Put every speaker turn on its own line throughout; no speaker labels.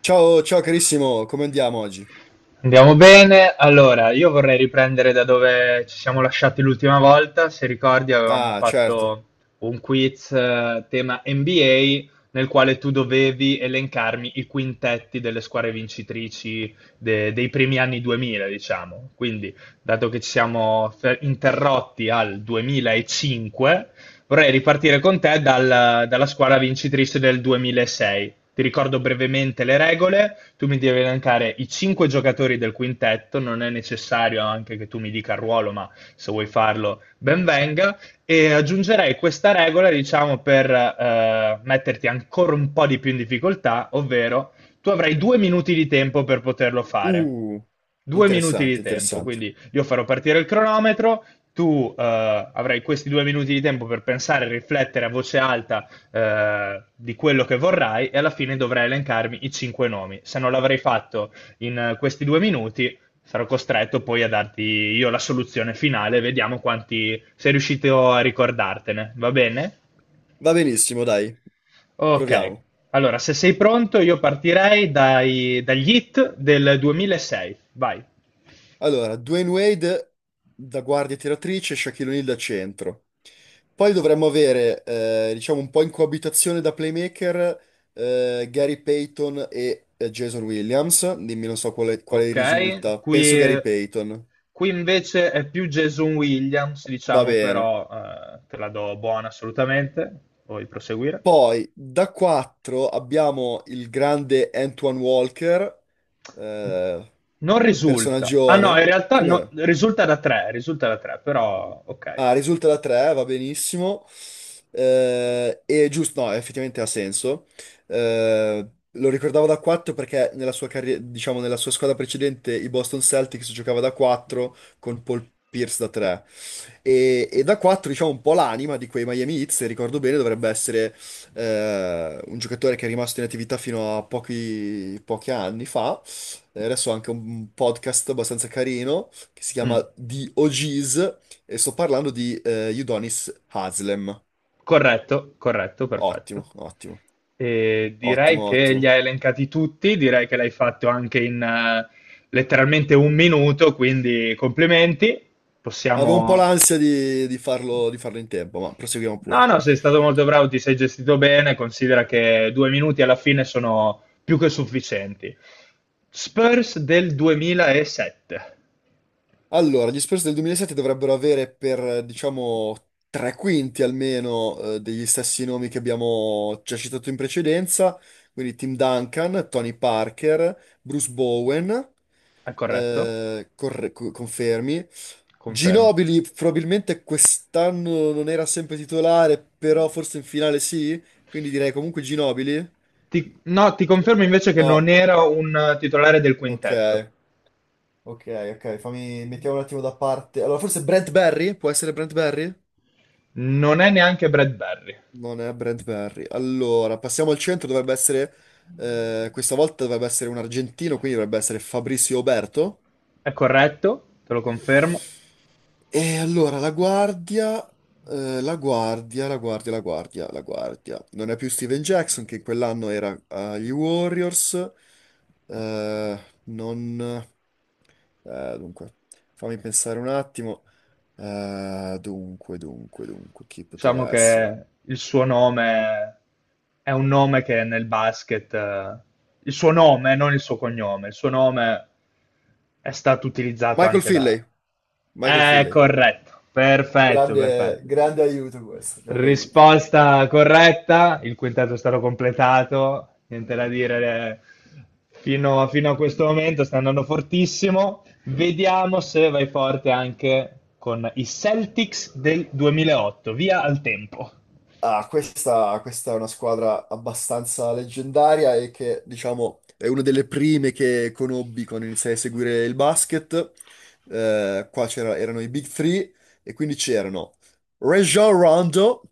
Ciao, ciao carissimo, come andiamo oggi?
Andiamo bene. Allora, io vorrei riprendere da dove ci siamo lasciati l'ultima volta. Se ricordi, avevamo
Ah, certo.
fatto un quiz tema NBA nel quale tu dovevi elencarmi i quintetti delle squadre vincitrici dei primi anni 2000, diciamo. Quindi, dato che ci siamo interrotti al 2005, vorrei ripartire con te dalla squadra vincitrice del 2006. Ti ricordo brevemente le regole, tu mi devi elencare i cinque giocatori del quintetto, non è necessario anche che tu mi dica il ruolo, ma se vuoi farlo ben venga, e aggiungerei questa regola, diciamo, per metterti ancora un po' di più in difficoltà, ovvero tu avrai due minuti di tempo per poterlo fare.
Uh,
Due minuti di
Interessante,
tempo,
interessante.
quindi io farò partire il cronometro, tu avrai questi due minuti di tempo per pensare e riflettere a voce alta di quello che vorrai e alla fine dovrai elencarmi i cinque nomi. Se non l'avrei fatto in questi due minuti, sarò costretto poi a darti io la soluzione finale. Vediamo quanti sei riuscito a ricordartene. Va bene?
Va benissimo, dai,
Ok.
proviamo.
Allora, se sei pronto, io partirei dagli hit del 2006. Vai.
Allora, Dwayne Wade da guardia tiratrice, Shaquille O'Neal da centro. Poi dovremmo avere, diciamo, un po' in coabitazione da playmaker, Gary Payton e Jason Williams. Dimmi, non so quale, quale
Ok?
risulta. Penso
Qui,
Gary Payton.
qui invece è più Jason Williams,
Va
diciamo,
bene.
però te la do buona assolutamente. Vuoi proseguire?
Poi da 4 abbiamo il grande Antoine Walker, eh,
Non risulta. Ah no, in
personaggione.
realtà
Come no?
risulta da tre, però ok.
Ah, risulta da 3, va benissimo. E giusto, no, effettivamente ha senso. Eh, Lo ricordavo da 4 perché nella sua carriera, diciamo, nella sua squadra precedente, i Boston Celtics, giocava da 4 con Paul Pierce da 3. E da 4, diciamo, un po' l'anima di quei Miami Heat, se ricordo bene, dovrebbe essere un giocatore che è rimasto in attività fino a pochi anni fa. Adesso ha anche un podcast abbastanza carino che si chiama
Mm.
The OGs, e sto parlando di Udonis Haslem.
Corretto, corretto, perfetto.
Ottimo, ottimo,
E direi
ottimo,
che li
ottimo.
hai elencati tutti, direi che l'hai fatto anche in letteralmente un minuto, quindi complimenti.
Avevo un po'
Possiamo
l'ansia di farlo, di farlo in tempo, ma proseguiamo
No,
pure.
no, sei stato molto bravo, ti sei gestito bene, considera che due minuti alla fine sono più che sufficienti. Spurs del 2007,
Allora, gli Spurs del 2007 dovrebbero avere per, diciamo, tre quinti almeno degli stessi nomi che abbiamo già citato in precedenza, quindi Tim Duncan, Tony Parker, Bruce Bowen,
è corretto?
confermi.
Confermo.
Ginobili probabilmente quest'anno non era sempre titolare, però forse in finale sì, quindi direi comunque Ginobili.
No, ti confermo invece che non
No,
era un titolare del
ok,
quintetto.
ok, ok, fammi, mettiamo un attimo da parte. Allora, forse Brent Barry? Può essere Brent Barry?
Non è neanche Brad Barry.
Non è Brent Barry. Allora, passiamo al centro, dovrebbe essere, questa volta dovrebbe essere un argentino, quindi dovrebbe essere Fabrizio Oberto.
È corretto, te lo confermo.
E allora la guardia, la guardia, la guardia, la guardia, la guardia. Non è più Steven Jackson, che in quell'anno era agli Warriors. Eh, non... Dunque, fammi pensare un attimo. Dunque, chi
Diciamo
poteva essere?
che il suo nome è un nome che nel basket, il suo nome, non il suo cognome, il suo nome è stato utilizzato
Michael
anche da
Finley. Michael
è
Finley.
corretto, perfetto,
Grande,
perfetto.
grande aiuto questo, grande aiuto.
Risposta corretta, il quintetto è stato completato, niente da dire, fino a questo momento sta andando fortissimo. Vediamo se vai forte anche con i Celtics del 2008. Via al tempo.
Ah, questa è una squadra abbastanza leggendaria e che, diciamo, è una delle prime che conobbi quando iniziai a seguire il basket. Erano i Big Three, e quindi c'erano Rajon Rondo,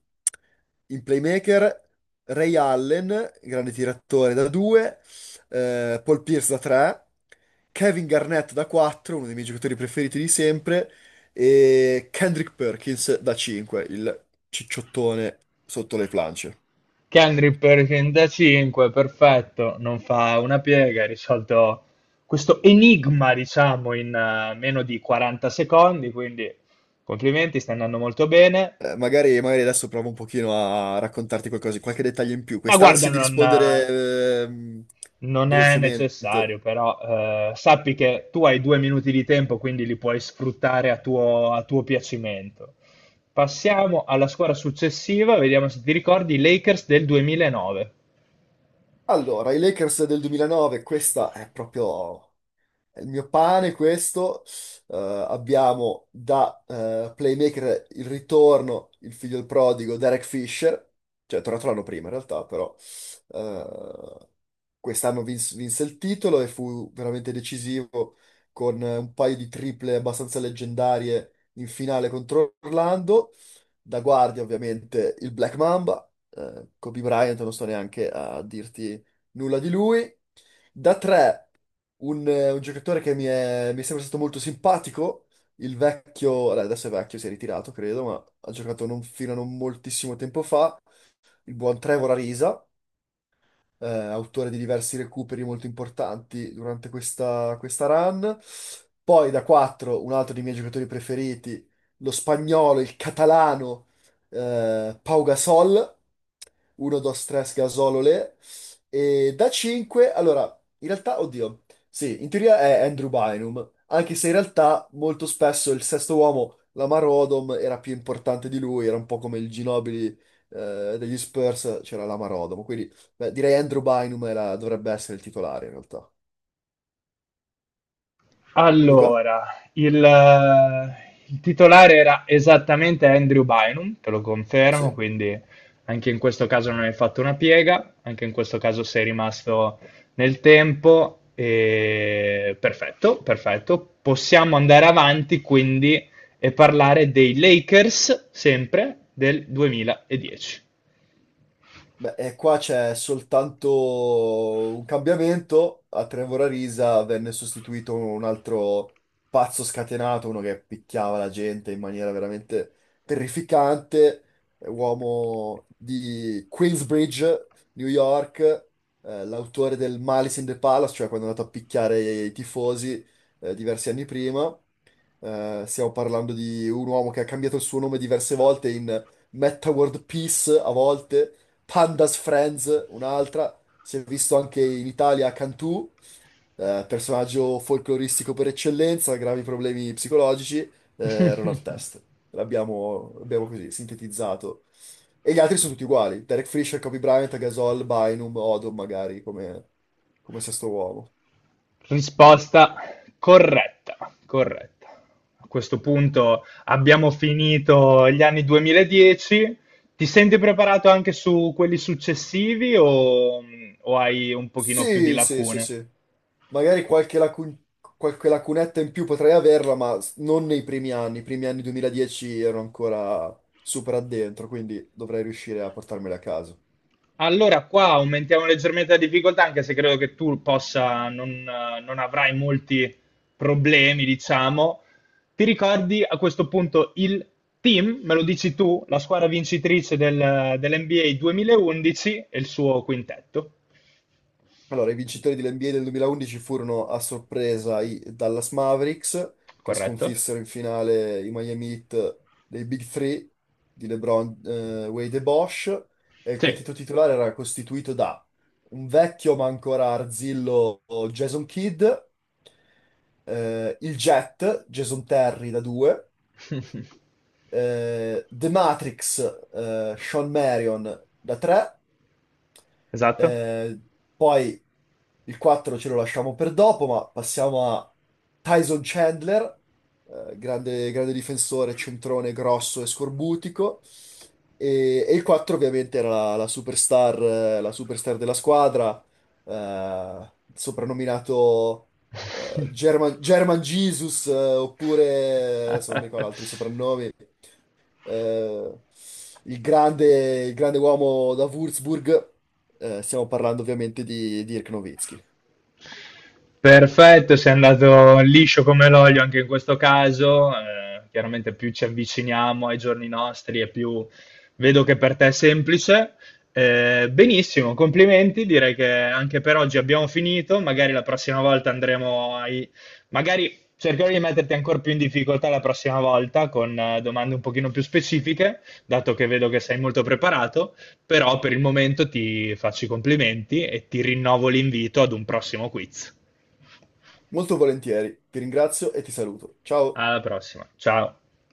in playmaker, Ray Allen, grande tiratore da 2, Paul Pierce da 3, Kevin Garnett da 4, uno dei miei giocatori preferiti di sempre, e Kendrick Perkins da 5, il cicciottone sotto le planche.
Kendrick per 35, perfetto, non fa una piega, ha risolto questo enigma, diciamo, in meno di 40 secondi, quindi complimenti, sta andando molto bene.
Magari, magari adesso provo un pochino a raccontarti qualcosa, qualche dettaglio in più,
Ma guarda,
quest'ansia di rispondere
non è necessario,
velocemente.
però sappi che tu hai due minuti di tempo, quindi li puoi sfruttare a tuo piacimento. Passiamo alla squadra successiva, vediamo se ti ricordi, i Lakers del 2009.
Allora, i Lakers del 2009, questa è proprio il mio pane, questo. Abbiamo da playmaker il ritorno, il figlio del prodigo, Derek Fisher, cioè è tornato l'anno prima in realtà, però eh, quest'anno vinse il titolo e fu veramente decisivo con un paio di triple abbastanza leggendarie in finale contro Orlando. Da guardia ovviamente il Black Mamba, Kobe Bryant, non sto neanche a dirti nulla di lui. Da tre, un giocatore che mi è sempre stato molto simpatico, il vecchio, allora, adesso è vecchio, si è ritirato credo, ma ha giocato non, fino a non moltissimo tempo fa, il buon Trevor Ariza, autore di diversi recuperi molto importanti durante questa run. Poi da 4, un altro dei miei giocatori preferiti, lo spagnolo, il catalano, Pau Gasol. 1, 2, 3, gasolole. E da 5, allora, in realtà, oddio, sì, in teoria è Andrew Bynum, anche se in realtà molto spesso il sesto uomo, Lamar Odom, era più importante di lui, era un po' come il Ginobili degli Spurs, c'era Lamar Odom, quindi beh, direi Andrew Bynum era- dovrebbe essere il titolare in realtà. Luca?
Allora, il, eh, il titolare era esattamente Andrew Bynum, te lo confermo,
Sì.
quindi anche in questo caso non hai fatto una piega, anche in questo caso sei rimasto nel tempo. Perfetto, perfetto. Possiamo andare avanti quindi e parlare dei Lakers sempre del 2010.
Beh, e qua c'è soltanto un cambiamento. A Trevor Arisa venne sostituito un altro pazzo scatenato, uno che picchiava la gente in maniera veramente terrificante, uomo di Queensbridge, New York, l'autore del Malice in the Palace, cioè quando è andato a picchiare i tifosi, diversi anni prima. Stiamo parlando di un uomo che ha cambiato il suo nome diverse volte, in Metta World Peace a volte, Pandas Friends un'altra, si è visto anche in Italia Cantù, personaggio folcloristico per eccellenza, gravi problemi psicologici, Ron Artest. L'abbiamo così sintetizzato. E gli altri sono tutti uguali, Derek Fisher, Kobe Bryant, Gasol, Bynum, Odom magari come, come sesto uomo.
Risposta corretta, corretta. A questo punto abbiamo finito gli anni 2010. Ti senti preparato anche su quelli successivi o hai un pochino più di
Sì, sì, sì,
lacune?
sì. Magari qualche, lacu- Qualche lacunetta in più potrei averla, ma non nei primi anni. I primi anni 2010 ero ancora super addentro, quindi dovrei riuscire a portarmela a casa.
Allora, qua aumentiamo leggermente la difficoltà, anche se credo che tu possa, non avrai molti problemi, diciamo. Ti ricordi a questo punto il team, me lo dici tu, la squadra vincitrice dell'NBA 2011 e il suo quintetto,
Allora, i vincitori dell'NBA del 2011 furono a sorpresa i Dallas Mavericks, che
corretto?
sconfissero in finale i Miami Heat dei Big Three di LeBron, Wade e Bosch. E il
Sì.
quintetto titolare era costituito da un vecchio ma ancora arzillo Jason Kidd, Il Jet, Jason Terry da 2, The Matrix, Sean Marion da 3,
Esatto?
eh, poi il 4 ce lo lasciamo per dopo, ma passiamo a Tyson Chandler, grande, grande difensore, centrone grosso e scorbutico. E il 4 ovviamente era la superstar, della squadra, soprannominato German Jesus, oppure, adesso non mi ricordo altri soprannomi, eh, il grande uomo da Würzburg. Stiamo parlando ovviamente di Dirk Nowitzki.
Perfetto, sei andato liscio come l'olio anche in questo caso. Eh, chiaramente più ci avviciniamo ai giorni nostri e più vedo che per te è semplice. Benissimo, complimenti. Direi che anche per oggi abbiamo finito. Magari la prossima volta andremo ai... Magari cercherò di metterti ancora più in difficoltà la prossima volta con domande un pochino più specifiche, dato che vedo che sei molto preparato, però per il momento ti faccio i complimenti e ti rinnovo l'invito ad un prossimo quiz.
Molto volentieri, ti ringrazio e ti saluto. Ciao!
Alla prossima, ciao!